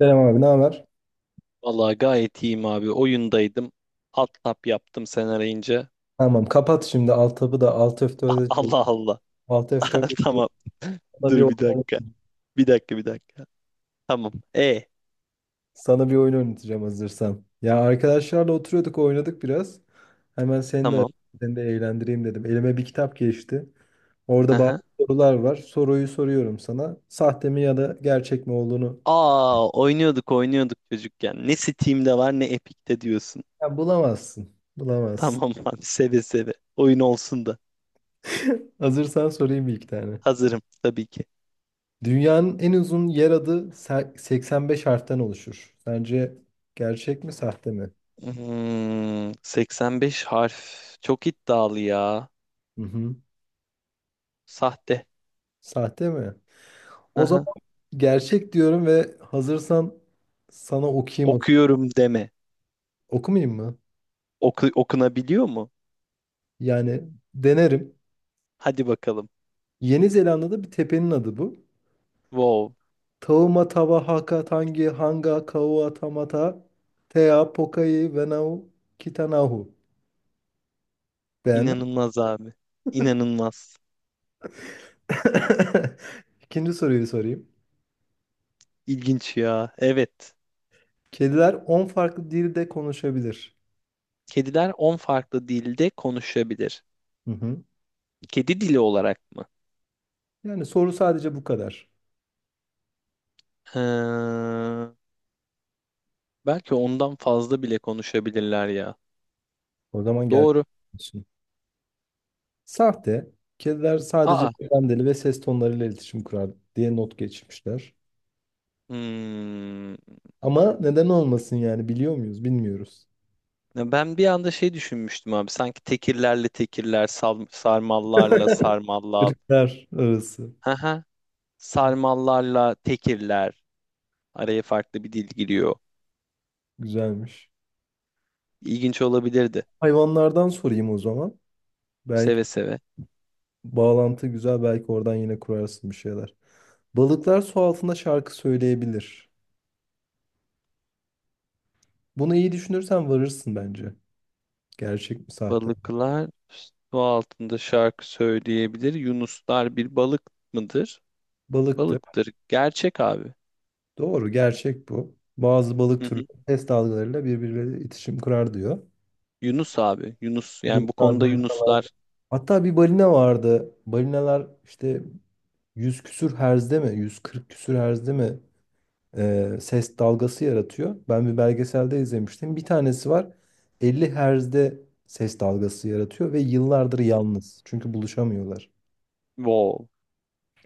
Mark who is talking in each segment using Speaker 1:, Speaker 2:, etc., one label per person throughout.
Speaker 1: Selam abi, ne haber?
Speaker 2: Vallahi gayet iyiyim abi. Oyundaydım. Alt tab yaptım sen arayınca.
Speaker 1: Tamam, kapat şimdi alt tabı da alt F4'e çevir.
Speaker 2: Allah Allah.
Speaker 1: Alt F4'e çevir.
Speaker 2: Tamam.
Speaker 1: sana bir
Speaker 2: Dur bir
Speaker 1: oyun,
Speaker 2: dakika. Bir dakika bir dakika. Tamam.
Speaker 1: Sana bir oyun oynatacağım hazırsan. Ya arkadaşlarla oturuyorduk, oynadık biraz. Hemen
Speaker 2: Tamam.
Speaker 1: seni de eğlendireyim dedim. Elime bir kitap geçti. Orada bazı
Speaker 2: Aha.
Speaker 1: sorular var. Soruyu soruyorum sana. Sahte mi ya da gerçek mi olduğunu
Speaker 2: Aa, oynuyorduk oynuyorduk çocukken. Ne Steam'de var ne Epic'te diyorsun.
Speaker 1: ya bulamazsın.
Speaker 2: Tamam
Speaker 1: Bulamazsın.
Speaker 2: abi, seve seve. Oyun olsun da.
Speaker 1: Hazırsan sorayım bir iki tane.
Speaker 2: Hazırım tabii ki.
Speaker 1: Dünyanın en uzun yer adı 85 harften oluşur. Sence gerçek mi, sahte mi?
Speaker 2: 85 harf. Çok iddialı ya.
Speaker 1: Hı hı.
Speaker 2: Sahte.
Speaker 1: Sahte mi? O
Speaker 2: Aha.
Speaker 1: zaman gerçek diyorum ve hazırsan sana okuyayım.
Speaker 2: Okuyorum deme.
Speaker 1: Okumayayım mı?
Speaker 2: Okunabiliyor mu?
Speaker 1: Yani denerim.
Speaker 2: Hadi bakalım.
Speaker 1: Yeni Zelanda'da bir tepenin adı bu.
Speaker 2: Wow.
Speaker 1: Tauma Tava Haka Tangi Hanga Kaua Tamata Tea Pokai Venau Kitanahu. Beğendin mi?
Speaker 2: İnanılmaz abi. İnanılmaz.
Speaker 1: İkinci soruyu sorayım.
Speaker 2: İlginç ya. Evet.
Speaker 1: Kediler 10 farklı dilde konuşabilir.
Speaker 2: Kediler 10 farklı dilde konuşabilir.
Speaker 1: Hı hı.
Speaker 2: Kedi dili olarak mı?
Speaker 1: Yani soru sadece bu kadar.
Speaker 2: Ha, belki ondan fazla bile konuşabilirler ya.
Speaker 1: O zaman gerçek.
Speaker 2: Doğru.
Speaker 1: Sahte. Kediler sadece
Speaker 2: Aa.
Speaker 1: beden ve ses tonlarıyla iletişim kurar diye not geçmişler.
Speaker 2: Hmm.
Speaker 1: Ama neden olmasın, yani biliyor muyuz? Bilmiyoruz.
Speaker 2: Ya ben bir anda şey düşünmüştüm abi. Sanki tekirlerle tekirler, sarmallarla sarmallar.
Speaker 1: Irklar arası.
Speaker 2: Haha. Sarmallarla tekirler. Araya farklı bir dil giriyor.
Speaker 1: Güzelmiş.
Speaker 2: İlginç olabilirdi.
Speaker 1: Hayvanlardan sorayım o zaman. Belki
Speaker 2: Seve seve.
Speaker 1: bağlantı güzel, belki oradan yine kurarsın bir şeyler. Balıklar su altında şarkı söyleyebilir. Bunu iyi düşünürsen varırsın bence. Gerçek mi sahte mi?
Speaker 2: Balıklar su altında şarkı söyleyebilir. Yunuslar bir balık mıdır?
Speaker 1: Balıktır.
Speaker 2: Balıktır. Gerçek abi.
Speaker 1: Doğru, gerçek bu. Bazı balık
Speaker 2: Hı
Speaker 1: türleri
Speaker 2: hı.
Speaker 1: ses dalgalarıyla birbirleriyle iletişim kurar diyor.
Speaker 2: Yunus abi. Yunus.
Speaker 1: Bu
Speaker 2: Yani bu konuda Yunuslar.
Speaker 1: Hatta bir balina vardı. Balinalar işte 100 küsür herzde mi? 140 küsür herzde mi? Ses dalgası yaratıyor. Ben bir belgeselde izlemiştim. Bir tanesi var. 50 herzde ses dalgası yaratıyor ve yıllardır yalnız. Çünkü buluşamıyorlar.
Speaker 2: Wow.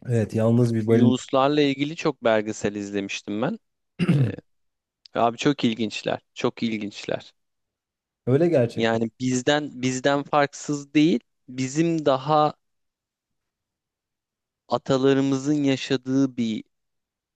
Speaker 1: Evet, yalnız bir balina.
Speaker 2: Yunuslarla ilgili çok belgesel izlemiştim ben. Ee, abi çok ilginçler. Çok ilginçler.
Speaker 1: Öyle gerçekten.
Speaker 2: Yani bizden farksız değil. Bizim daha atalarımızın yaşadığı bir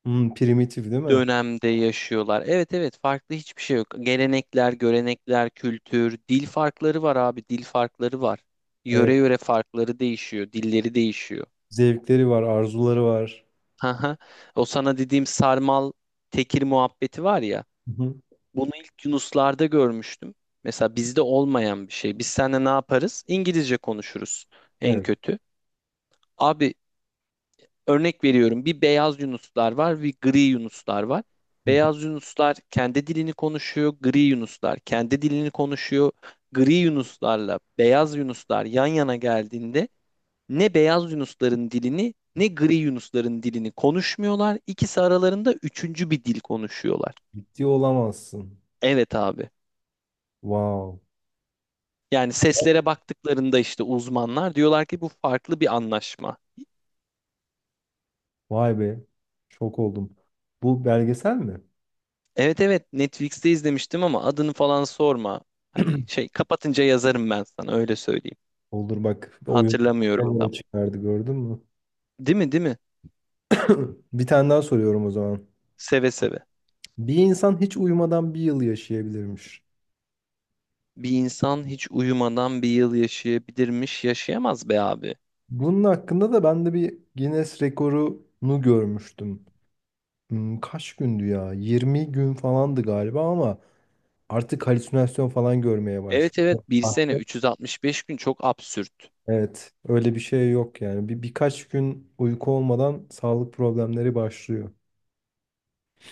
Speaker 1: Hmm, primitif değil mi?
Speaker 2: dönemde yaşıyorlar. Evet, evet, farklı hiçbir şey yok. Gelenekler, görenekler, kültür, dil farkları var abi, dil farkları var. Yöre
Speaker 1: Evet.
Speaker 2: yöre farkları değişiyor, dilleri değişiyor.
Speaker 1: Zevkleri var, arzuları var.
Speaker 2: Haha. O sana dediğim sarmal tekir muhabbeti var ya.
Speaker 1: Hı hı.
Speaker 2: Bunu ilk Yunuslarda görmüştüm. Mesela bizde olmayan bir şey. Biz seninle ne yaparız? İngilizce konuşuruz en
Speaker 1: Evet.
Speaker 2: kötü. Abi, örnek veriyorum, bir beyaz yunuslar var bir gri yunuslar var.
Speaker 1: Hı hı.
Speaker 2: Beyaz yunuslar kendi dilini konuşuyor, gri yunuslar kendi dilini konuşuyor. Gri yunuslarla beyaz yunuslar yan yana geldiğinde ne beyaz yunusların dilini ne gri yunusların dilini konuşmuyorlar. İkisi aralarında üçüncü bir dil konuşuyorlar.
Speaker 1: Ciddi olamazsın.
Speaker 2: Evet abi.
Speaker 1: Wow.
Speaker 2: Yani seslere baktıklarında işte uzmanlar diyorlar ki bu farklı bir anlaşma.
Speaker 1: Vay be. Şok oldum. Bu belgesel mi?
Speaker 2: Evet, evet, Netflix'te izlemiştim ama adını falan sorma. Hani şey, kapatınca yazarım ben sana, öyle söyleyeyim.
Speaker 1: Olur, bak oyun
Speaker 2: Hatırlamıyorum tam.
Speaker 1: nereye çıkardı, gördün mü?
Speaker 2: Değil mi, değil mi?
Speaker 1: Bir tane daha soruyorum o zaman.
Speaker 2: Seve seve.
Speaker 1: Bir insan hiç uyumadan bir yıl yaşayabilirmiş.
Speaker 2: Bir insan hiç uyumadan bir yıl yaşayabilirmiş, yaşayamaz be abi.
Speaker 1: Bunun hakkında da ben de bir Guinness rekorunu görmüştüm. Hmm, kaç gündü ya? 20 gün falandı galiba ama artık halüsinasyon falan görmeye
Speaker 2: Evet, evet,
Speaker 1: başlıyor.
Speaker 2: bir
Speaker 1: Ah,
Speaker 2: sene 365 gün çok absürt.
Speaker 1: evet, öyle bir şey yok yani. Birkaç gün uyku olmadan sağlık problemleri başlıyor.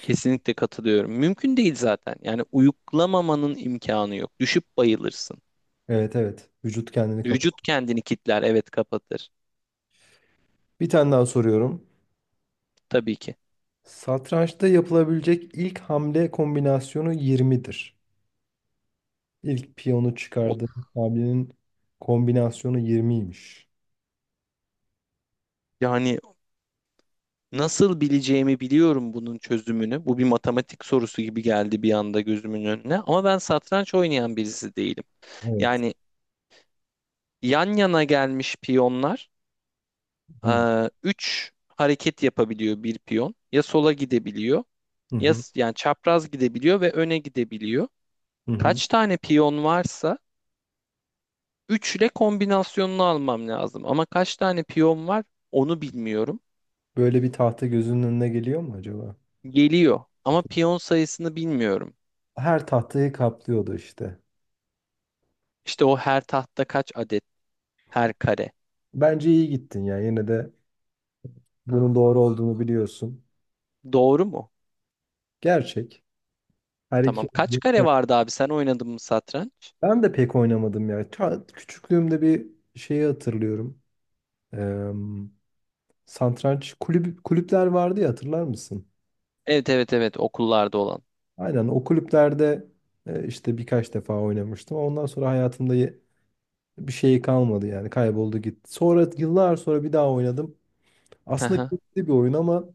Speaker 2: Kesinlikle katılıyorum. Mümkün değil zaten. Yani uyuklamamanın imkanı yok. Düşüp bayılırsın.
Speaker 1: Evet evet, vücut kendini kapatıyor.
Speaker 2: Vücut kendini kitler, evet, kapatır.
Speaker 1: Bir tane daha soruyorum.
Speaker 2: Tabii ki.
Speaker 1: Satrançta yapılabilecek ilk hamle kombinasyonu 20'dir. İlk piyonu
Speaker 2: O,
Speaker 1: çıkardığım hamlenin kombinasyonu 20'ymiş.
Speaker 2: yani nasıl bileceğimi biliyorum bunun çözümünü. Bu bir matematik sorusu gibi geldi bir anda gözümün önüne. Ama ben satranç oynayan birisi değilim.
Speaker 1: Evet.
Speaker 2: Yani yan yana gelmiş piyonlar
Speaker 1: Hı
Speaker 2: 3 hareket yapabiliyor bir piyon. Ya sola gidebiliyor,
Speaker 1: hı hı.
Speaker 2: yani çapraz gidebiliyor ve öne gidebiliyor.
Speaker 1: Hı hı.
Speaker 2: Kaç tane piyon varsa 3 ile kombinasyonunu almam lazım. Ama kaç tane piyon var onu bilmiyorum.
Speaker 1: Böyle bir tahta gözünün önüne geliyor mu acaba?
Speaker 2: Geliyor ama piyon sayısını bilmiyorum.
Speaker 1: Her tahtayı kaplıyordu işte.
Speaker 2: İşte o her tahtta kaç adet. Her kare.
Speaker 1: Bence iyi gittin ya. Yine de bunun doğru olduğunu biliyorsun.
Speaker 2: Doğru mu?
Speaker 1: Gerçek. Her
Speaker 2: Tamam.
Speaker 1: iki.
Speaker 2: Kaç kare vardı abi? Sen oynadın mı satranç?
Speaker 1: Ben de pek oynamadım ya. Küçüklüğümde bir şeyi hatırlıyorum. Eee Satranç kulüpler vardı ya, hatırlar mısın?
Speaker 2: Evet, evet, evet, okullarda olan.
Speaker 1: Aynen o kulüplerde işte birkaç defa oynamıştım. Ondan sonra hayatımda bir şey kalmadı, yani kayboldu gitti. Sonra yıllar sonra bir daha oynadım.
Speaker 2: Hı
Speaker 1: Aslında
Speaker 2: hı.
Speaker 1: keyifli bir oyun ama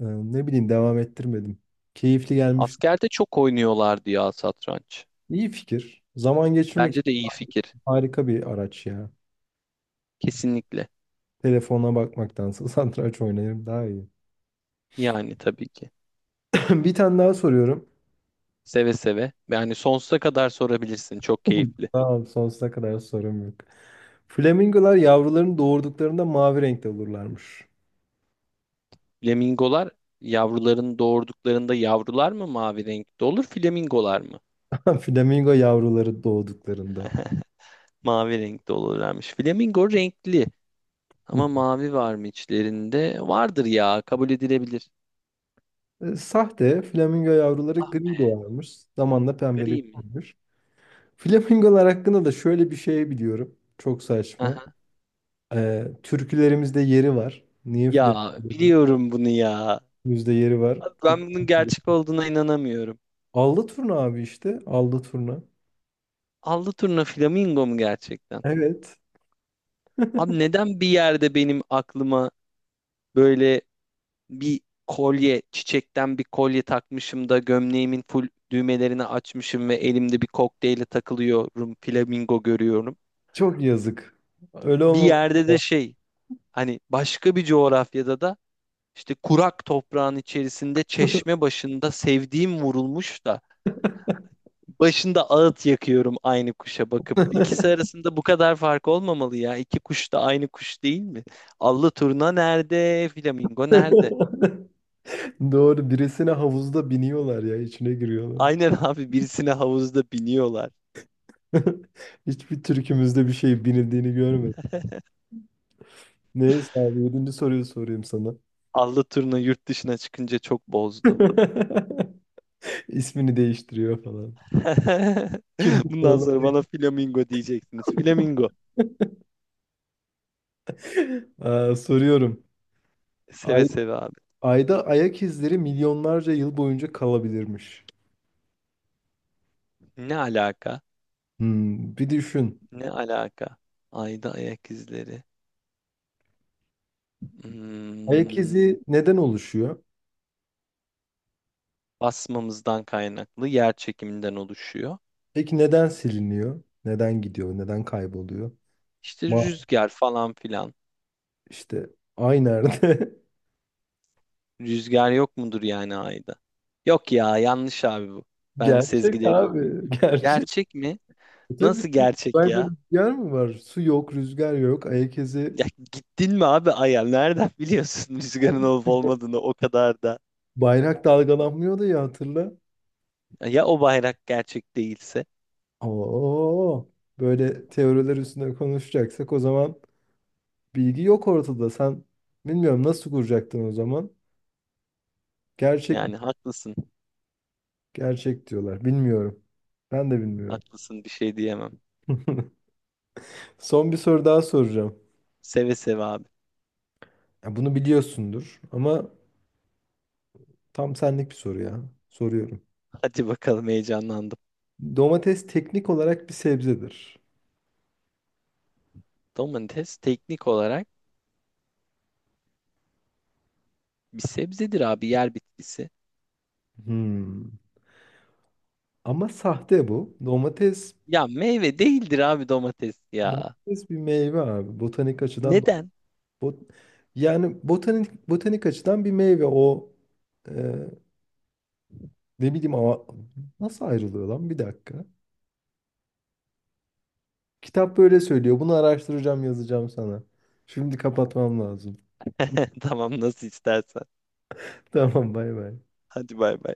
Speaker 1: ne bileyim, devam ettirmedim. Keyifli gelmişti.
Speaker 2: Askerde çok oynuyorlardı ya satranç.
Speaker 1: İyi fikir. Zaman geçirmek
Speaker 2: Bence
Speaker 1: için
Speaker 2: de iyi fikir.
Speaker 1: harika bir araç ya.
Speaker 2: Kesinlikle.
Speaker 1: Telefona bakmaktansa satranç oynayayım daha iyi.
Speaker 2: Yani tabii ki.
Speaker 1: Bir tane daha soruyorum.
Speaker 2: Seve seve. Yani sonsuza kadar sorabilirsin. Çok keyifli.
Speaker 1: Tamam, sonsuza kadar sorum yok. Flamingolar yavrularını doğurduklarında mavi renkte olurlarmış.
Speaker 2: Flamingolar yavrularını doğurduklarında yavrular mı mavi renkte olur, flamingolar mı?
Speaker 1: Flamingo yavruları doğduklarında.
Speaker 2: Mavi renkte olurlarmış. Flamingo renkli ama
Speaker 1: Hı.
Speaker 2: mavi var mı içlerinde? Vardır ya, kabul edilebilir.
Speaker 1: Sahte, flamingo yavruları gri doğarmış. Zamanla
Speaker 2: Gri mi?
Speaker 1: pembeleşmiş. Flamingolar hakkında da şöyle bir şey biliyorum. Çok saçma.
Speaker 2: Aha.
Speaker 1: Türkülerimizde yeri var. Niye
Speaker 2: Ya
Speaker 1: flamingolarımızda
Speaker 2: biliyorum bunu ya.
Speaker 1: yeri var?
Speaker 2: Abi, ben
Speaker 1: Çok...
Speaker 2: bunun gerçek olduğuna inanamıyorum.
Speaker 1: Allı turna abi işte. Allı turna.
Speaker 2: Allı turna flamingo mu gerçekten?
Speaker 1: Evet.
Speaker 2: Abi, neden bir yerde benim aklıma böyle bir kolye, çiçekten bir kolye takmışım da gömleğimin full düğmelerini açmışım ve elimde bir kokteyle takılıyorum, flamingo görüyorum.
Speaker 1: Çok yazık. Öyle
Speaker 2: Bir
Speaker 1: olmaması
Speaker 2: yerde de
Speaker 1: lazım.
Speaker 2: şey, hani başka bir coğrafyada da işte kurak toprağın içerisinde çeşme başında sevdiğim vurulmuş da başında ağıt yakıyorum aynı kuşa bakıp. İkisi arasında bu kadar fark olmamalı ya. İki kuş da aynı kuş değil mi? Allı turna nerede? Flamingo nerede?
Speaker 1: Doğru. Birisine havuzda biniyorlar ya. İçine giriyorlar.
Speaker 2: Aynen abi, birisine havuzda biniyorlar.
Speaker 1: Hiçbir türkümüzde bir şey binildiğini görmedim. Neyse abi. Yedinci soruyu sorayım sana.
Speaker 2: Allı turna yurt dışına çıkınca çok bozdu.
Speaker 1: İsmini değiştiriyor falan. Kimlik
Speaker 2: Bundan
Speaker 1: falan.
Speaker 2: sonra bana flamingo diyeceksiniz. Flamingo.
Speaker 1: Aa, soruyorum.
Speaker 2: Seve
Speaker 1: Ay,
Speaker 2: seve abi.
Speaker 1: Ayda ayak izleri milyonlarca yıl boyunca kalabilirmiş.
Speaker 2: Ne alaka?
Speaker 1: Hmm, bir düşün.
Speaker 2: Ne alaka? Ayda ayak izleri.
Speaker 1: Ayak
Speaker 2: Hmm,
Speaker 1: izi neden oluşuyor?
Speaker 2: basmamızdan kaynaklı yer çekiminden oluşuyor.
Speaker 1: Peki neden siliniyor? Neden gidiyor? Neden kayboluyor?
Speaker 2: İşte
Speaker 1: Ma
Speaker 2: rüzgar falan filan.
Speaker 1: işte ay nerede?
Speaker 2: Rüzgar yok mudur yani ayda? Yok ya, yanlış abi bu. Ben
Speaker 1: Gerçek
Speaker 2: sezgilerimi
Speaker 1: abi.
Speaker 2: güveniyorum.
Speaker 1: Gerçek.
Speaker 2: Gerçek mi?
Speaker 1: E tabii
Speaker 2: Nasıl
Speaker 1: ki,
Speaker 2: gerçek
Speaker 1: uzayda
Speaker 2: ya?
Speaker 1: rüzgar mı var? Su yok, rüzgar yok. Ayak izi.
Speaker 2: Ya, gittin mi abi Ay'a? Nereden biliyorsun rüzgarın
Speaker 1: Abi,
Speaker 2: olup olmadığını o kadar da?
Speaker 1: bayrak dalgalanmıyordu ya, hatırla.
Speaker 2: Ya o bayrak gerçek değilse?
Speaker 1: Oo, böyle teoriler üstüne konuşacaksak o zaman bilgi yok ortada. Sen bilmiyorum nasıl kuracaktın o zaman? Gerçek
Speaker 2: Yani haklısın.
Speaker 1: gerçek diyorlar. Bilmiyorum. Ben de bilmiyorum.
Speaker 2: Haklısın, bir şey diyemem.
Speaker 1: Son bir soru daha soracağım.
Speaker 2: Seve seve abi.
Speaker 1: Ya bunu biliyorsundur ama tam senlik bir soru ya. Soruyorum.
Speaker 2: Hadi bakalım, heyecanlandım.
Speaker 1: Domates teknik olarak bir sebzedir.
Speaker 2: Domates teknik olarak bir sebzedir abi, yer bitkisi.
Speaker 1: Hmm. Ama sahte bu. Domates
Speaker 2: Ya meyve değildir abi, domates ya.
Speaker 1: domates bir meyve abi. Botanik açıdan.
Speaker 2: Neden?
Speaker 1: Bot Yani botanik açıdan bir meyve o. e, Ne bileyim ama nasıl ayrılıyor lan, bir dakika. Kitap böyle söylüyor. Bunu araştıracağım, yazacağım sana. Şimdi kapatmam lazım.
Speaker 2: Tamam, nasıl istersen.
Speaker 1: Tamam, bay bay.
Speaker 2: Hadi bay bay.